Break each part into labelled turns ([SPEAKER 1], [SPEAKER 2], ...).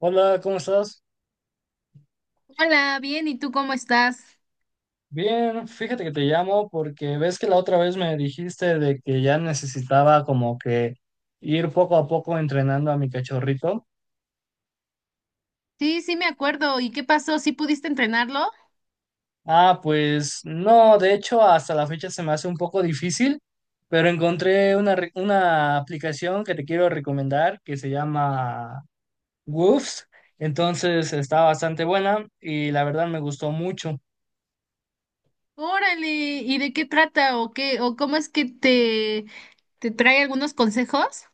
[SPEAKER 1] Hola, ¿cómo estás?
[SPEAKER 2] Hola, bien, ¿y tú cómo estás?
[SPEAKER 1] Bien, fíjate que te llamo porque ves que la otra vez me dijiste de que ya necesitaba como que ir poco a poco entrenando a mi cachorrito.
[SPEAKER 2] Sí, me acuerdo. ¿Y qué pasó? ¿Sí pudiste entrenarlo?
[SPEAKER 1] Ah, pues no, de hecho hasta la fecha se me hace un poco difícil, pero encontré una aplicación que te quiero recomendar que se llama Woofs, entonces está bastante buena y la verdad me gustó mucho.
[SPEAKER 2] Órale, ¿y de qué trata o qué o cómo es que te trae algunos consejos?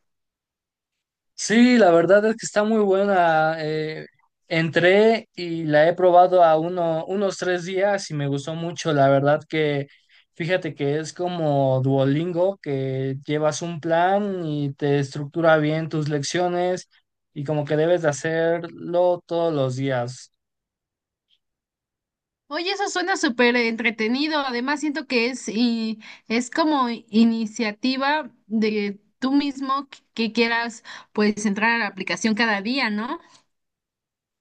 [SPEAKER 1] Sí, la verdad es que está muy buena. Entré y la he probado unos 3 días y me gustó mucho. La verdad que fíjate que es como Duolingo, que llevas un plan y te estructura bien tus lecciones y como que debes de hacerlo todos los días.
[SPEAKER 2] Oye, eso suena súper entretenido. Además, siento que es y es como iniciativa de tú mismo que quieras pues entrar a la aplicación cada día, ¿no?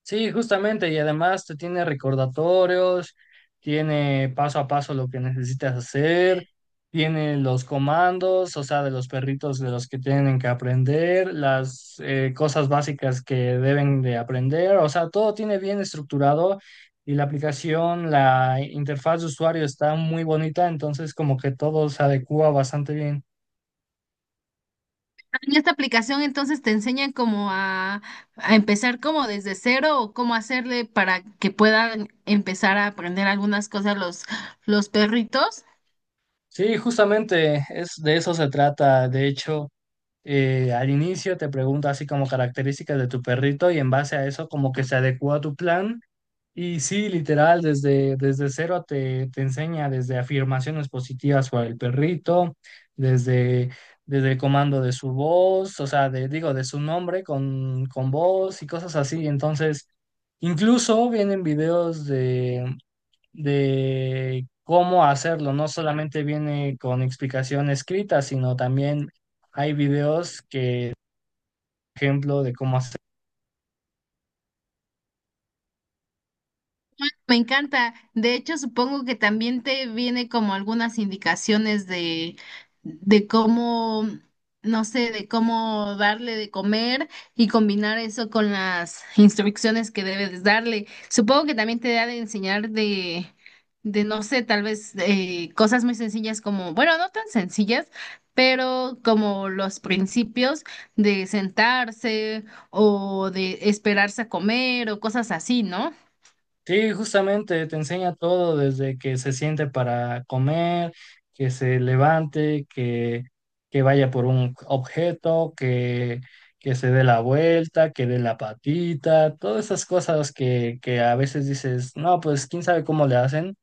[SPEAKER 1] Sí, justamente, y además te tiene recordatorios, tiene paso a paso lo que necesitas hacer, tiene los comandos, o sea, de los perritos de los que tienen que aprender, las cosas básicas que deben de aprender, o sea, todo tiene bien estructurado y la aplicación, la interfaz de usuario está muy bonita, entonces como que todo se adecua bastante bien.
[SPEAKER 2] En esta aplicación entonces te enseñan como a empezar como desde cero o cómo hacerle para que puedan empezar a aprender algunas cosas los perritos.
[SPEAKER 1] Sí, justamente es de eso se trata, de hecho. Al inicio te pregunto así como características de tu perrito y en base a eso como que se adecuó a tu plan y sí, literal, desde cero te enseña desde afirmaciones positivas para el perrito, desde, desde el comando de su voz, o sea, digo, de su nombre con voz y cosas así. Entonces, incluso vienen videos de cómo hacerlo. No solamente viene con explicación escrita, sino también hay videos que, ejemplo, de cómo hacer.
[SPEAKER 2] Me encanta. De hecho, supongo que también te viene como algunas indicaciones de cómo, no sé, de cómo darle de comer y combinar eso con las instrucciones que debes darle. Supongo que también te da de enseñar de no sé, tal vez cosas muy sencillas como, bueno, no tan sencillas, pero como los principios de sentarse o de esperarse a comer o cosas así, ¿no?
[SPEAKER 1] Sí, justamente te enseña todo desde que se siente para comer, que se levante, que vaya por un objeto, que se dé la vuelta, que dé la patita, todas esas cosas que a veces dices, no, pues quién sabe cómo le hacen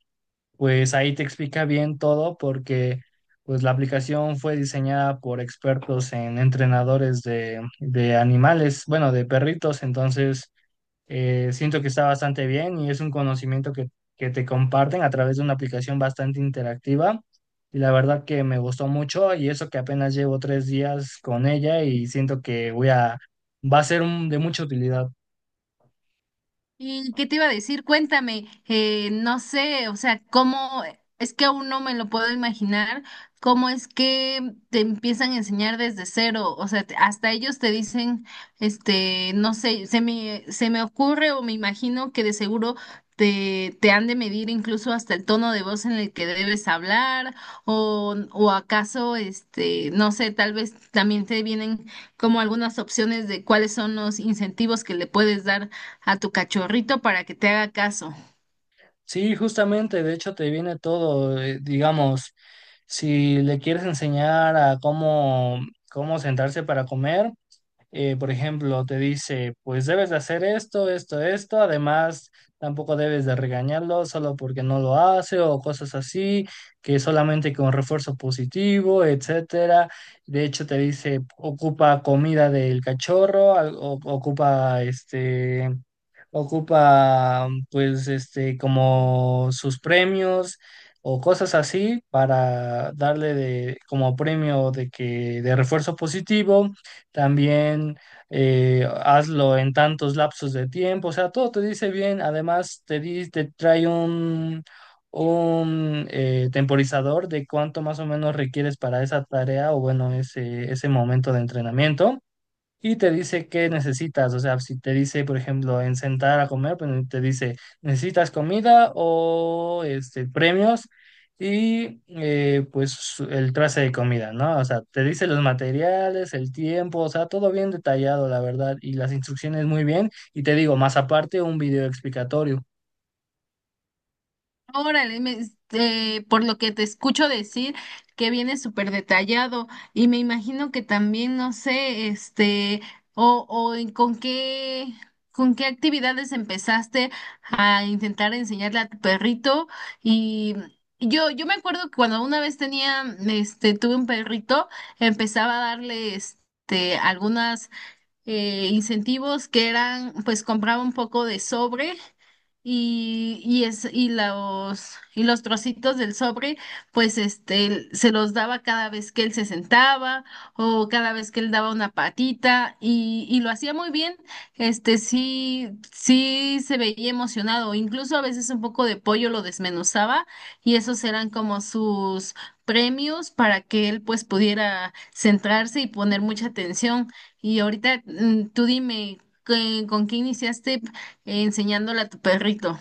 [SPEAKER 1] pues ahí te explica bien todo porque pues la aplicación fue diseñada por expertos en entrenadores de animales, bueno, de perritos, entonces siento que está bastante bien y es un conocimiento que te comparten a través de una aplicación bastante interactiva y la verdad que me gustó mucho y eso que apenas llevo 3 días con ella y siento que va a ser de mucha utilidad.
[SPEAKER 2] ¿Y qué te iba a decir? Cuéntame, no sé, o sea, cómo, es que aún no me lo puedo imaginar, cómo es que te empiezan a enseñar desde cero, o sea, hasta ellos te dicen, este, no sé, se me ocurre o me imagino que de seguro te han de medir incluso hasta el tono de voz en el que debes hablar, o acaso, este, no sé, tal vez también te vienen como algunas opciones de cuáles son los incentivos que le puedes dar a tu cachorrito para que te haga caso.
[SPEAKER 1] Sí, justamente, de hecho te viene todo, digamos, si le quieres enseñar a cómo sentarse para comer, por ejemplo, te dice, pues debes de hacer esto, esto, esto, además tampoco debes de regañarlo solo porque no lo hace o cosas así, que solamente con refuerzo positivo, etcétera. De hecho te dice, ocupa comida del cachorro, ocupa pues este como sus premios o cosas así para darle de como premio de que de refuerzo positivo, también hazlo en tantos lapsos de tiempo, o sea, todo te dice bien, además te trae un temporizador de cuánto más o menos requieres para esa tarea o bueno, ese momento de entrenamiento y te dice qué necesitas. O sea, si te dice, por ejemplo, en sentar a comer, pues te dice, ¿necesitas comida o este, premios? Y pues el trace de comida, ¿no? O sea, te dice los materiales, el tiempo, o sea, todo bien detallado, la verdad, y las instrucciones muy bien. Y te digo, más aparte, un video explicatorio.
[SPEAKER 2] Órale, este, por lo que te escucho decir que viene súper detallado y me imagino que también, no sé, este, o, con qué actividades empezaste a intentar enseñarle a tu perrito y... Yo me acuerdo que cuando una vez tenía, este, tuve un perrito, empezaba a darle, este, algunas incentivos que eran, pues compraba un poco de sobre y, y, es, y, los, y los trocitos del sobre, pues este, se los daba cada vez que él se sentaba o cada vez que él daba una patita y lo hacía muy bien, este, sí, se veía emocionado, incluso a veces un poco de pollo lo desmenuzaba y esos eran como sus premios para que él pues pudiera centrarse y poner mucha atención. Y ahorita tú dime, ¿qué- ¿con qué iniciaste? Enseñándole a tu perrito.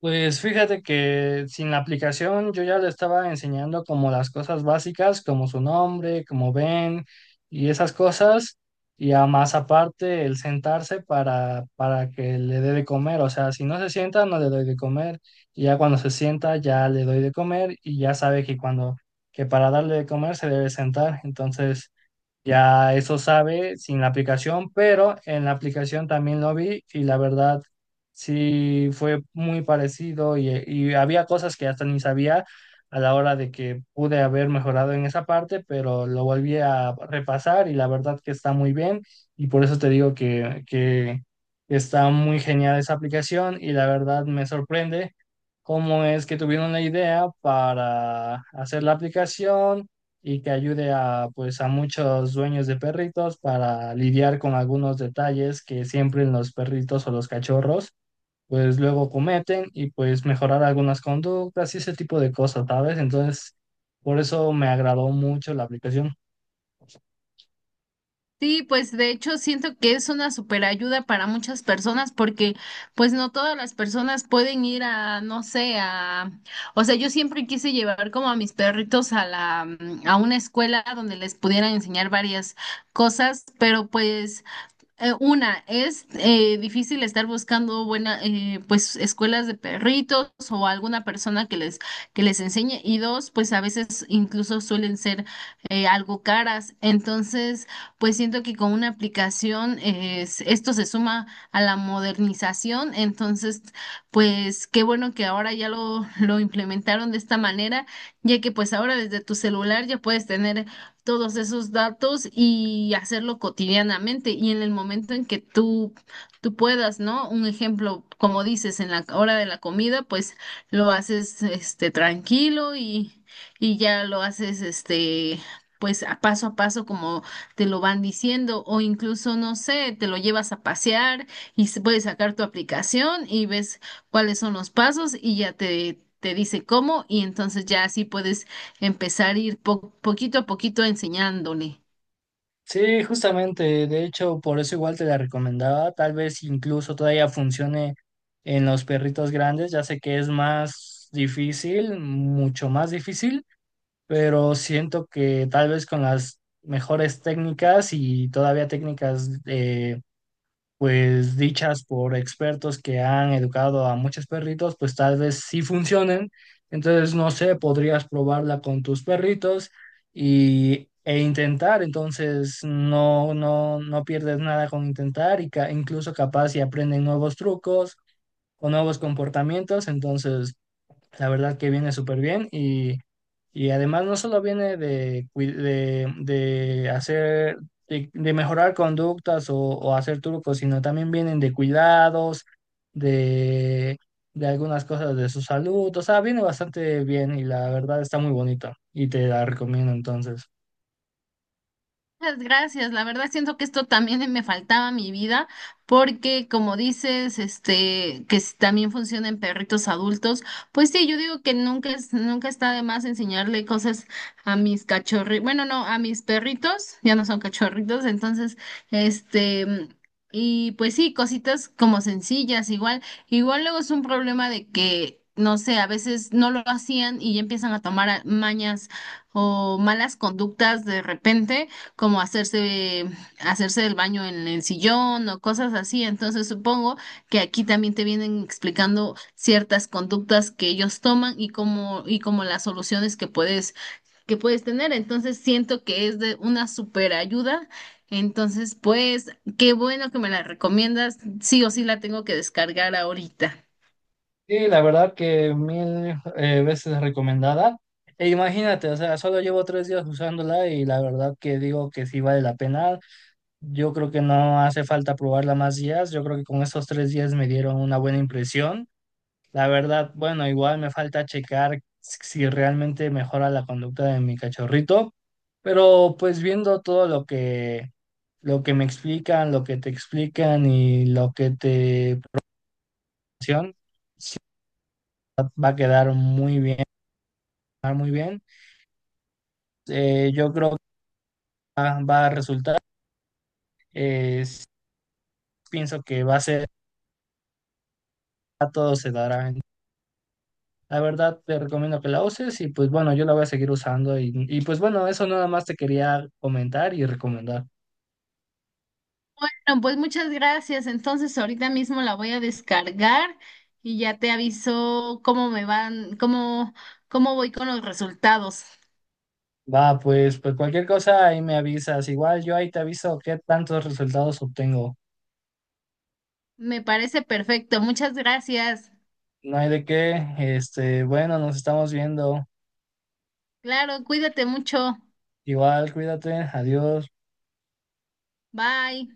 [SPEAKER 1] Pues fíjate que sin la aplicación yo ya le estaba enseñando como las cosas básicas, como su nombre, como ven y esas cosas, y a más aparte el sentarse para que le dé de comer, o sea, si no se sienta no le doy de comer, y ya cuando se sienta ya le doy de comer y ya sabe que cuando, que para darle de comer se debe sentar, entonces... Ya eso sabe sin la aplicación, pero en la aplicación también lo vi y la verdad sí fue muy parecido y había cosas que hasta ni sabía a la hora de que pude haber mejorado en esa parte, pero lo volví a repasar y la verdad que está muy bien y por eso te digo que está muy genial esa aplicación y la verdad me sorprende cómo es que tuvieron la idea para hacer la aplicación y que ayude a, pues, a muchos dueños de perritos para lidiar con algunos detalles que siempre los perritos o los cachorros, pues luego cometen y pues mejorar algunas conductas y ese tipo de cosas, ¿sabes? Entonces, por eso me agradó mucho la aplicación.
[SPEAKER 2] Sí, pues de hecho siento que es una super ayuda para muchas personas porque pues no todas las personas pueden ir a, no sé, a, o sea, yo siempre quise llevar como a mis perritos a la, a una escuela donde les pudieran enseñar varias cosas, pero pues una, es difícil estar buscando buena, pues, escuelas de perritos o alguna persona que les enseñe. Y dos, pues a veces incluso suelen ser algo caras. Entonces, pues siento que con una aplicación esto se suma a la modernización. Entonces, pues qué bueno que ahora ya lo implementaron de esta manera, ya que pues ahora desde tu celular ya puedes tener todos esos datos y hacerlo cotidianamente y en el momento en que tú puedas, ¿no? Un ejemplo, como dices, en la hora de la comida, pues lo haces este tranquilo y ya lo haces este pues a paso como te lo van diciendo o incluso no sé, te lo llevas a pasear y puedes sacar tu aplicación y ves cuáles son los pasos y ya te dice cómo y entonces ya así puedes empezar a ir poquito a poquito enseñándole.
[SPEAKER 1] Sí, justamente, de hecho, por eso igual te la recomendaba, tal vez incluso todavía funcione en los perritos grandes, ya sé que es más difícil, mucho más difícil, pero siento que tal vez con las mejores técnicas y todavía técnicas pues dichas por expertos que han educado a muchos perritos, pues tal vez sí funcionen. Entonces, no sé, podrías probarla con tus perritos e intentar. Entonces, no, no, no pierdes nada con intentar y incluso capaz si aprenden nuevos trucos o nuevos comportamientos. Entonces, la verdad que viene súper bien y además no solo viene de hacer, de mejorar conductas o hacer trucos, sino también vienen de cuidados, de, de algunas cosas de su salud. O sea, viene bastante bien y la verdad está muy bonita y te la recomiendo entonces.
[SPEAKER 2] Muchas gracias. La verdad siento que esto también me faltaba a mi vida porque como dices, este, que también funciona en perritos adultos, pues sí, yo digo que nunca está de más enseñarle cosas a mis cachorritos, bueno, no, a mis perritos, ya no son cachorritos, entonces, este, y pues sí, cositas como sencillas, igual, igual luego es un problema de que no sé, a veces no lo hacían y ya empiezan a tomar mañas o malas conductas de repente como hacerse, hacerse el baño en el sillón o cosas así. Entonces supongo que aquí también te vienen explicando ciertas conductas que ellos toman y cómo y como las soluciones que puedes tener. Entonces siento que es de una super ayuda. Entonces, pues, qué bueno que me la recomiendas. Sí o sí la tengo que descargar ahorita.
[SPEAKER 1] Sí, la verdad que mil veces recomendada. E imagínate, o sea, solo llevo 3 días usándola y la verdad que digo que sí vale la pena. Yo creo que no hace falta probarla más días. Yo creo que con estos 3 días me dieron una buena impresión. La verdad, bueno, igual me falta checar si realmente mejora la conducta de mi cachorrito, pero pues viendo todo lo que me explican, lo que te explican y lo que te presionan, va a quedar muy bien, va a quedar muy bien. Yo creo que va a resultar. Sí, pienso que a todo se dará. La verdad, te recomiendo que la uses y pues bueno, yo la voy a seguir usando y, pues bueno, eso nada más te quería comentar y recomendar.
[SPEAKER 2] Bueno, pues muchas gracias. Entonces, ahorita mismo la voy a descargar y ya te aviso cómo me van, cómo, cómo voy con los resultados.
[SPEAKER 1] Va, pues cualquier cosa ahí me avisas. Igual yo ahí te aviso qué tantos resultados obtengo.
[SPEAKER 2] Me parece perfecto. Muchas gracias.
[SPEAKER 1] No hay de qué. Este, bueno, nos estamos viendo.
[SPEAKER 2] Claro, cuídate mucho.
[SPEAKER 1] Igual, cuídate. Adiós.
[SPEAKER 2] Bye.